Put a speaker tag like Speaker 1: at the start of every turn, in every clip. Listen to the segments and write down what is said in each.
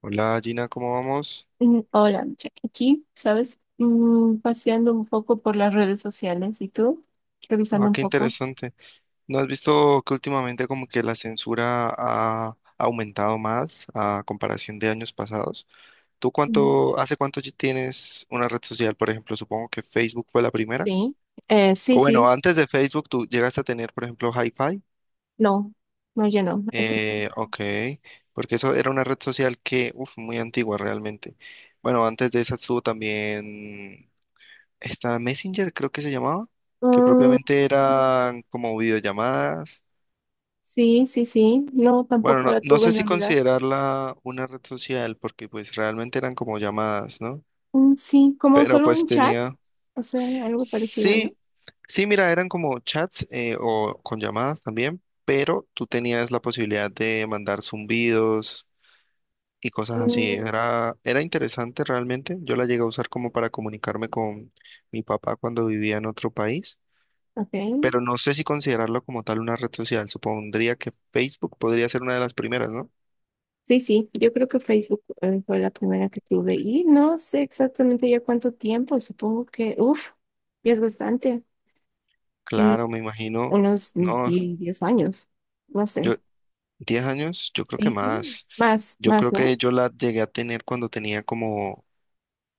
Speaker 1: Hola Gina, ¿cómo vamos?
Speaker 2: Hola, Micha. Aquí, ¿sabes? Paseando un poco por las redes sociales. ¿Y tú? Revisando
Speaker 1: Ah,
Speaker 2: un
Speaker 1: qué
Speaker 2: poco.
Speaker 1: interesante. ¿No has visto que últimamente como que la censura ha aumentado más a comparación de años pasados? ¿Tú
Speaker 2: Mm.
Speaker 1: cuánto, hace cuánto ya tienes una red social? Por ejemplo, supongo que Facebook fue la primera.
Speaker 2: Sí. Sí,
Speaker 1: O bueno,
Speaker 2: sí.
Speaker 1: antes de Facebook tú llegaste a tener, por ejemplo, Hi-Fi.
Speaker 2: No, no, yo no. Es eso.
Speaker 1: Ok, porque eso era una red social que, uff, muy antigua realmente. Bueno, antes de esa estuvo también está Messenger, creo que se llamaba, que
Speaker 2: Mm,
Speaker 1: propiamente eran como videollamadas.
Speaker 2: sí, sí, sí. No,
Speaker 1: Bueno,
Speaker 2: tampoco
Speaker 1: no,
Speaker 2: la
Speaker 1: no
Speaker 2: tuve
Speaker 1: sé
Speaker 2: en
Speaker 1: si
Speaker 2: realidad.
Speaker 1: considerarla una red social porque pues realmente eran como llamadas, ¿no?
Speaker 2: Mm, sí, como
Speaker 1: Pero
Speaker 2: solo
Speaker 1: pues
Speaker 2: un chat.
Speaker 1: tenía...
Speaker 2: O sea, algo parecido, ¿no?
Speaker 1: Sí, sí, mira, eran como chats o con llamadas también, pero tú tenías la posibilidad de mandar zumbidos y cosas así.
Speaker 2: Mm,
Speaker 1: Era interesante realmente. Yo la llegué a usar como para comunicarme con mi papá cuando vivía en otro país,
Speaker 2: ok.
Speaker 1: pero no sé si considerarlo como tal una red social. Supondría que Facebook podría ser una de las primeras, ¿no?
Speaker 2: Sí, sí. Yo creo que Facebook fue la primera que tuve. Y no sé exactamente ya cuánto tiempo. Supongo que, ya es bastante.
Speaker 1: Claro, me imagino,
Speaker 2: Unos
Speaker 1: no,
Speaker 2: 10 años, no
Speaker 1: yo,
Speaker 2: sé.
Speaker 1: 10 años, yo creo que
Speaker 2: Sí, sí,
Speaker 1: más.
Speaker 2: más,
Speaker 1: Yo
Speaker 2: más,
Speaker 1: creo
Speaker 2: ¿no?
Speaker 1: que yo la llegué a tener cuando tenía como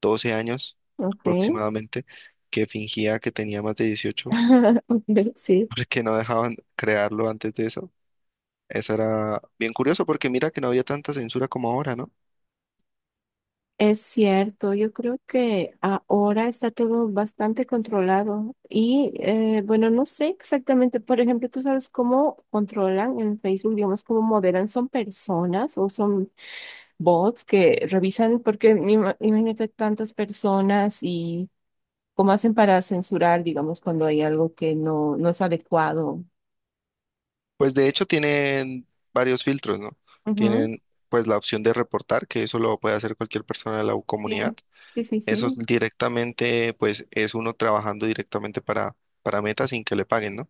Speaker 1: 12 años
Speaker 2: Ok.
Speaker 1: aproximadamente, que fingía que tenía más de 18,
Speaker 2: Ve, sí,
Speaker 1: porque no dejaban crearlo antes de eso. Eso era bien curioso porque mira que no había tanta censura como ahora, ¿no?
Speaker 2: es cierto. Yo creo que ahora está todo bastante controlado. Y bueno, no sé exactamente, por ejemplo, tú sabes cómo controlan en Facebook, digamos, cómo moderan, son personas o son bots que revisan, porque imagínate tantas personas y cómo hacen para censurar, digamos, cuando hay algo que no, no es adecuado.
Speaker 1: Pues de hecho tienen varios filtros, ¿no? Tienen pues la opción de reportar, que eso lo puede hacer cualquier persona de la
Speaker 2: Sí,
Speaker 1: comunidad.
Speaker 2: sí, sí, sí.
Speaker 1: Eso es directamente, pues es uno trabajando directamente para Meta sin que le paguen, ¿no?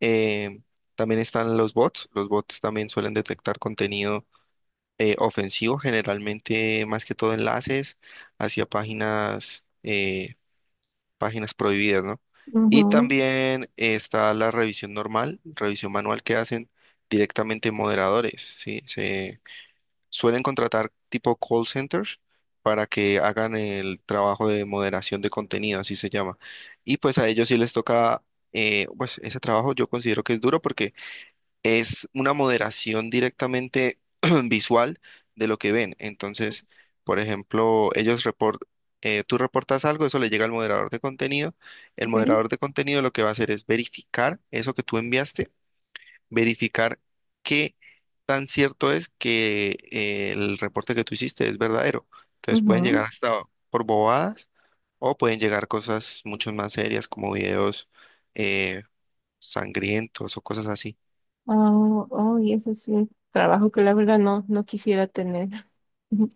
Speaker 1: Eh, También están los bots. Los bots también suelen detectar contenido ofensivo, generalmente más que todo enlaces hacia páginas. Páginas prohibidas, ¿no? Y
Speaker 2: Ujú,
Speaker 1: también está la revisión normal, revisión manual que hacen directamente moderadores, ¿sí? Se suelen contratar tipo call centers para que hagan el trabajo de moderación de contenido, así se llama. Y pues a ellos sí les toca, pues ese trabajo yo considero que es duro porque es una moderación directamente visual de lo que ven. Entonces, por ejemplo, tú reportas algo, eso le llega al moderador de contenido. El
Speaker 2: ok,
Speaker 1: moderador de contenido lo que va a hacer es verificar eso que tú enviaste, verificar qué tan cierto es que el reporte que tú hiciste es verdadero. Entonces pueden llegar
Speaker 2: ujú.
Speaker 1: hasta por bobadas o pueden llegar cosas mucho más serias como videos eh, sangrientos o cosas así.
Speaker 2: Oh, oh, y ese es un trabajo que la verdad no, no quisiera tener. Ujú,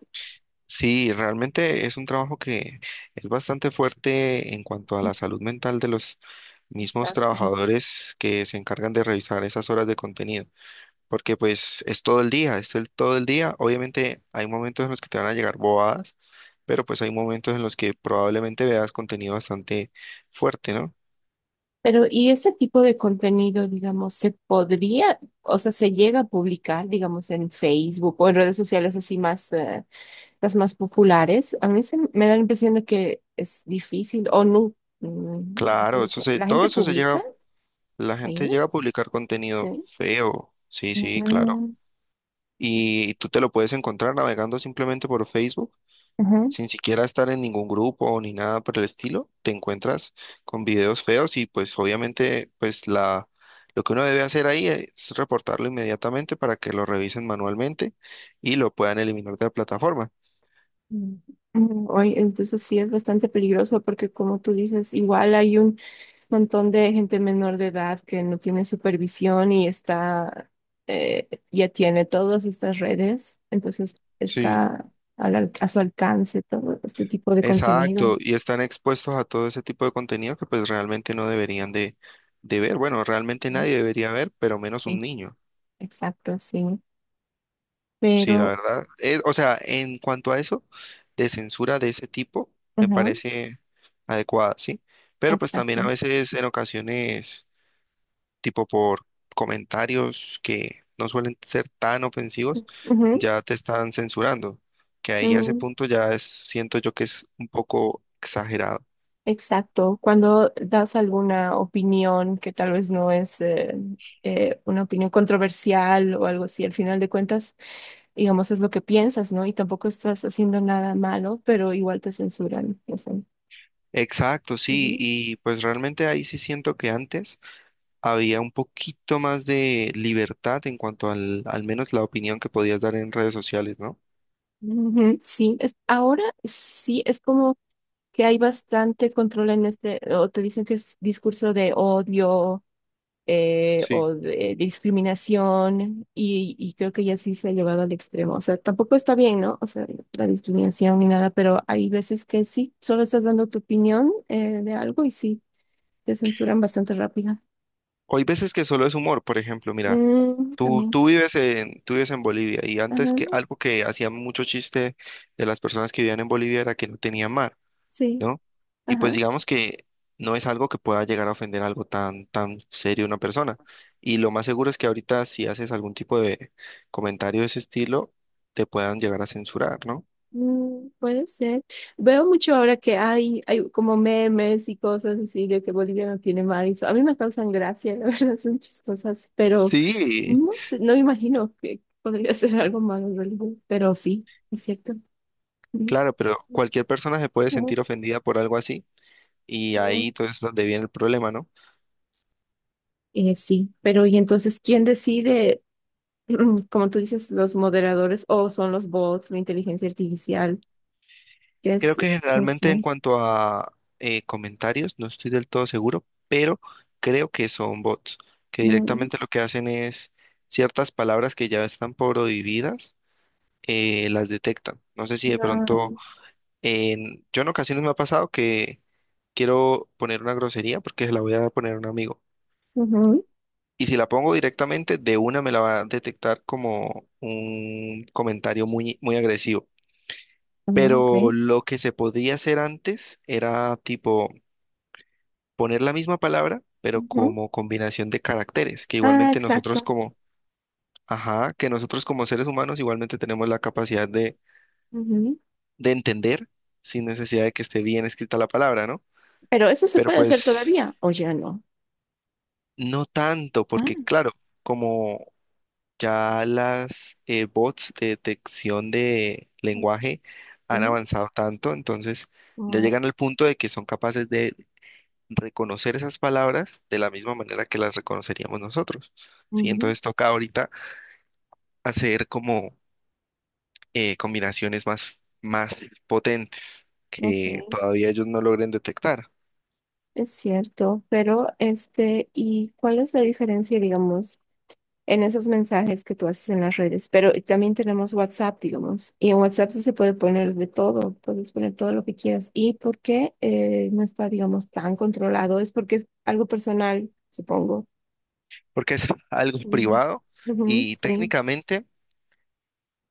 Speaker 1: Sí, realmente es un trabajo que es bastante fuerte en cuanto a la salud mental de los mismos
Speaker 2: exacto.
Speaker 1: trabajadores que se encargan de revisar esas horas de contenido, porque pues es todo el día, todo el día. Obviamente hay momentos en los que te van a llegar bobadas, pero pues hay momentos en los que probablemente veas contenido bastante fuerte, ¿no?
Speaker 2: Pero, ¿y este tipo de contenido, digamos, se podría, o sea, se llega a publicar, digamos, en Facebook o en redes sociales así más, las más populares? A mí se me da la impresión de que es difícil o no. mm, Nunca he
Speaker 1: Claro,
Speaker 2: visto. ¿La
Speaker 1: todo
Speaker 2: gente
Speaker 1: eso se
Speaker 2: publica
Speaker 1: llega, la gente
Speaker 2: ahí?
Speaker 1: llega a publicar contenido
Speaker 2: Sí.
Speaker 1: feo, sí, sí, claro.
Speaker 2: Mm,
Speaker 1: Y tú te lo puedes encontrar navegando simplemente por Facebook
Speaker 2: ujú.
Speaker 1: sin siquiera estar en ningún grupo ni nada por el estilo, te encuentras con videos feos y pues obviamente pues la lo que uno debe hacer ahí es reportarlo inmediatamente para que lo revisen manualmente y lo puedan eliminar de la plataforma.
Speaker 2: Mm. Oye, entonces sí es bastante peligroso porque como tú dices, igual hay un montón de gente menor de edad que no tiene supervisión y está, ya tiene todas estas redes, entonces
Speaker 1: Sí.
Speaker 2: está a su alcance todo este tipo de contenido,
Speaker 1: Exacto, y están expuestos a todo ese tipo de contenido que pues realmente no deberían de ver. Bueno, realmente
Speaker 2: ¿no?
Speaker 1: nadie debería ver, pero menos un
Speaker 2: Sí,
Speaker 1: niño.
Speaker 2: exacto, sí,
Speaker 1: Sí, la
Speaker 2: pero,
Speaker 1: verdad. O sea, en cuanto a eso, de censura de ese tipo, me
Speaker 2: ujú,
Speaker 1: parece adecuada, ¿sí? Pero pues también a
Speaker 2: exacto.
Speaker 1: veces, en ocasiones, tipo por comentarios que no suelen ser tan ofensivos, ya te están censurando. Que ahí a ese
Speaker 2: Ujú,
Speaker 1: punto ya es, siento yo que es un poco exagerado.
Speaker 2: exacto, cuando das alguna opinión que tal vez no es una opinión controversial o algo así, al final de cuentas, digamos, es lo que piensas, ¿no? Y tampoco estás haciendo nada malo, pero igual te censuran. O sea.
Speaker 1: Exacto, sí,
Speaker 2: Ujú.
Speaker 1: y pues realmente ahí sí siento que antes había un poquito más de libertad en cuanto al, al menos la opinión que podías dar en redes sociales, ¿no?
Speaker 2: Ujú, sí, es, ahora sí es como que hay bastante control en este, o te dicen que es discurso de odio
Speaker 1: Sí.
Speaker 2: o de discriminación y creo que ya sí se ha llevado al extremo. O sea, tampoco está bien, ¿no? O sea, la discriminación ni nada, pero hay veces que sí, solo estás dando tu opinión de algo y sí, te censuran bastante rápido.
Speaker 1: O hay veces que solo es humor, por ejemplo, mira,
Speaker 2: Mm, también.
Speaker 1: tú vives en Bolivia y
Speaker 2: Ajá,
Speaker 1: antes que algo que hacía mucho chiste de las personas que vivían en Bolivia era que no tenía mar,
Speaker 2: sí.
Speaker 1: ¿no? Y pues
Speaker 2: Ajá.
Speaker 1: digamos que no es algo que pueda llegar a ofender algo tan, tan serio a una persona. Y lo más seguro es que ahorita si haces algún tipo de comentario de ese estilo, te puedan llegar a censurar, ¿no?
Speaker 2: Mm, puede ser. Veo mucho ahora que hay como memes y cosas así de que Bolivia no tiene mar y eso. A mí me causan gracia, la verdad, son chistosas, pero
Speaker 1: Sí,
Speaker 2: no sé, no me imagino que podría ser algo malo en realidad, pero sí, es cierto. Mm.
Speaker 1: claro, pero cualquier persona se puede
Speaker 2: Mm,
Speaker 1: sentir ofendida por algo así y
Speaker 2: mm.
Speaker 1: ahí entonces es donde viene el problema, ¿no?
Speaker 2: Sí, pero y entonces, ¿quién decide, como tú dices, los moderadores o son los bots, la inteligencia artificial? Que
Speaker 1: Creo
Speaker 2: es,
Speaker 1: que
Speaker 2: no
Speaker 1: generalmente en
Speaker 2: sé.
Speaker 1: cuanto a comentarios, no estoy del todo seguro, pero creo que son bots, que
Speaker 2: Mm,
Speaker 1: directamente lo que hacen es ciertas palabras que ya están prohibidas, las detectan. No sé si de
Speaker 2: ah,
Speaker 1: pronto, yo en ocasiones me ha pasado que quiero poner una grosería porque se la voy a poner a un amigo.
Speaker 2: ujú,
Speaker 1: Y si la pongo directamente, de una me la va a detectar como un comentario muy agresivo.
Speaker 2: ah, ok.
Speaker 1: Pero lo que se podría hacer antes era tipo poner la misma palabra, pero como combinación de caracteres, que
Speaker 2: Ah,
Speaker 1: igualmente nosotros
Speaker 2: exacto.
Speaker 1: como, ajá, que nosotros como seres humanos igualmente tenemos la capacidad
Speaker 2: Ujú.
Speaker 1: de entender sin necesidad de que esté bien escrita la palabra, ¿no?
Speaker 2: Pero eso se
Speaker 1: Pero
Speaker 2: puede hacer
Speaker 1: pues
Speaker 2: todavía, o ya no.
Speaker 1: no tanto, porque
Speaker 2: Ah,
Speaker 1: claro, como ya las bots de detección de lenguaje han
Speaker 2: sí.
Speaker 1: avanzado tanto, entonces ya
Speaker 2: Wow.
Speaker 1: llegan al punto de que son capaces de reconocer esas palabras de la misma manera que las reconoceríamos nosotros, ¿sí?
Speaker 2: Ujú.
Speaker 1: Entonces toca ahorita hacer como combinaciones más potentes
Speaker 2: Ok,
Speaker 1: que todavía ellos no logren detectar,
Speaker 2: es cierto. Pero, este, ¿y cuál es la diferencia, digamos, en esos mensajes que tú haces en las redes? Pero también tenemos WhatsApp, digamos, y en WhatsApp sí se puede poner de todo, puedes poner todo lo que quieras. ¿Y por qué no está, digamos, tan controlado? Es porque es algo personal, supongo.
Speaker 1: porque es algo
Speaker 2: Mm.
Speaker 1: privado
Speaker 2: Ujú,
Speaker 1: y
Speaker 2: sí.
Speaker 1: técnicamente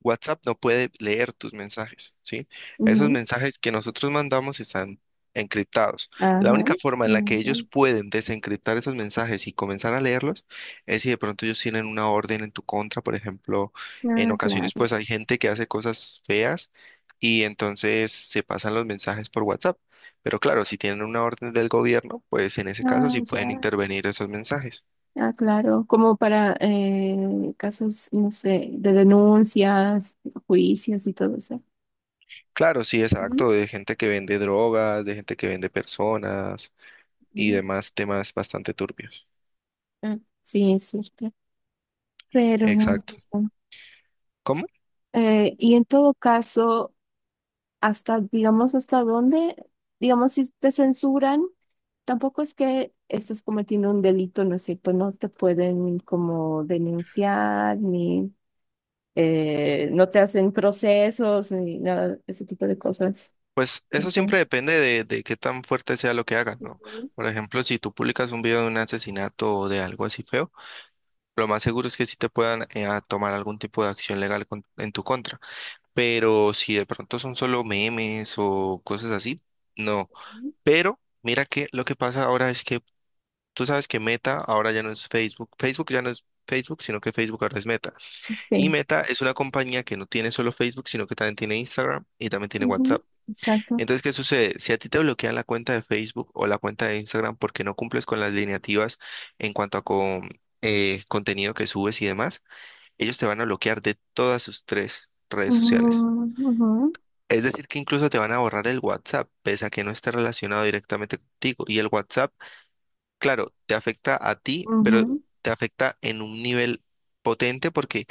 Speaker 1: WhatsApp no puede leer tus mensajes, ¿sí? Esos
Speaker 2: Ujú.
Speaker 1: mensajes que nosotros mandamos están encriptados. La
Speaker 2: Ajá.
Speaker 1: única forma en la que ellos pueden desencriptar esos mensajes y comenzar a leerlos es si de pronto ellos tienen una orden en tu contra, por ejemplo, en
Speaker 2: Ah,
Speaker 1: ocasiones
Speaker 2: claro.
Speaker 1: pues hay gente que hace cosas feas y entonces se pasan los mensajes por WhatsApp. Pero claro, si tienen una orden del gobierno, pues en ese caso
Speaker 2: Ah,
Speaker 1: sí pueden
Speaker 2: ya.
Speaker 1: intervenir esos mensajes.
Speaker 2: Ah, claro. Como para casos, no sé, de denuncias, juicios y todo eso.
Speaker 1: Claro, sí,
Speaker 2: Ujú.
Speaker 1: exacto, de gente que vende drogas, de gente que vende personas y
Speaker 2: Ujú.
Speaker 1: demás temas bastante turbios.
Speaker 2: Ah, sí, es cierto. Pero,
Speaker 1: Exacto.
Speaker 2: este,
Speaker 1: ¿Cómo?
Speaker 2: y en todo caso, hasta, digamos, hasta dónde, digamos, si te censuran, tampoco es que estés cometiendo un delito, ¿no es cierto? No te pueden como denunciar ni... no te hacen procesos ni nada, ese tipo de cosas,
Speaker 1: Pues
Speaker 2: no
Speaker 1: eso
Speaker 2: sé.
Speaker 1: siempre depende de qué tan fuerte sea lo que hagas, ¿no?
Speaker 2: Ujú,
Speaker 1: Por ejemplo, si tú publicas un video de un asesinato o de algo así feo, lo más seguro es que sí te puedan a tomar algún tipo de acción legal en tu contra. Pero si de pronto son solo memes o cosas así, no.
Speaker 2: ujú.
Speaker 1: Pero mira que lo que pasa ahora es que tú sabes que Meta ahora ya no es Facebook. Facebook ya no es Facebook, sino que Facebook ahora es Meta. Y
Speaker 2: Sí,
Speaker 1: Meta es una compañía que no tiene solo Facebook, sino que también tiene Instagram y también tiene
Speaker 2: ujú,
Speaker 1: WhatsApp.
Speaker 2: exacto.
Speaker 1: Entonces, ¿qué sucede? Si a ti te bloquean la cuenta de Facebook o la cuenta de Instagram porque no cumples con las lineativas en cuanto a contenido que subes y demás, ellos te van a bloquear de todas sus tres redes sociales.
Speaker 2: Ujú, ujú,
Speaker 1: Es decir, que incluso te van a borrar el WhatsApp, pese a que no esté relacionado directamente contigo. Y el WhatsApp, claro, te afecta a ti, pero
Speaker 2: ujú,
Speaker 1: te afecta en un nivel potente porque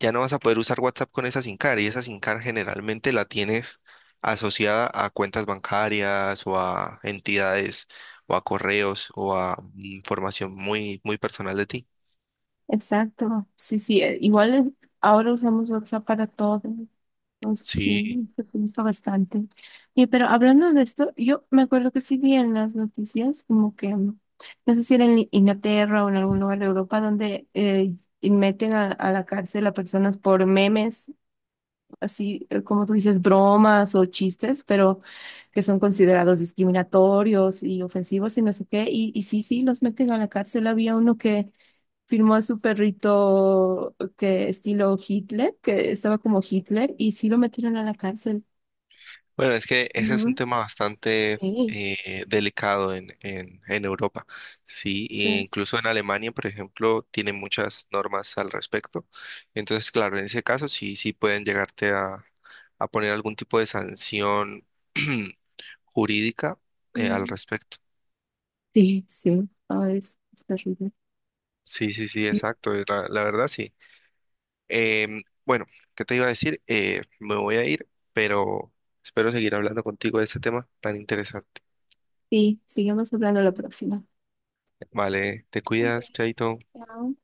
Speaker 1: ya no vas a poder usar WhatsApp con esa SIM card y esa SIM card generalmente la tienes asociada a cuentas bancarias o a entidades o a correos o a información muy personal de ti.
Speaker 2: exacto. Sí, sí, igual ahora usamos WhatsApp para todo. Entonces, sí,
Speaker 1: Sí,
Speaker 2: me gusta bastante. Y, pero hablando de esto, yo me acuerdo que sí vi en las noticias, como que, no sé si era en Inglaterra o en algún lugar de Europa, donde y meten a la cárcel a personas por memes. Así como tú dices, bromas o chistes, pero que son considerados discriminatorios y ofensivos y no sé qué. Y sí, sí, los meten a la cárcel. Había uno que firmó a su perrito que estilo Hitler, que estaba como Hitler, y sí lo metieron a la cárcel.
Speaker 1: bueno, es que ese es un
Speaker 2: Ujú.
Speaker 1: tema bastante
Speaker 2: Sí,
Speaker 1: delicado en Europa, ¿sí? E
Speaker 2: sí.
Speaker 1: incluso en Alemania, por ejemplo, tienen muchas normas al respecto. Entonces, claro, en ese caso sí, sí pueden llegarte a poner algún tipo de sanción jurídica al
Speaker 2: Mm.
Speaker 1: respecto.
Speaker 2: Sí, sí. Ah, es terrible.
Speaker 1: Sí, sí, sí,
Speaker 2: Mm.
Speaker 1: exacto, la verdad sí. Bueno, ¿qué te iba a decir? Me voy a ir, pero espero seguir hablando contigo de este tema tan interesante.
Speaker 2: Sí, sigamos hablando la próxima.
Speaker 1: Vale, te
Speaker 2: Ok,
Speaker 1: cuidas, Chaito.
Speaker 2: chao.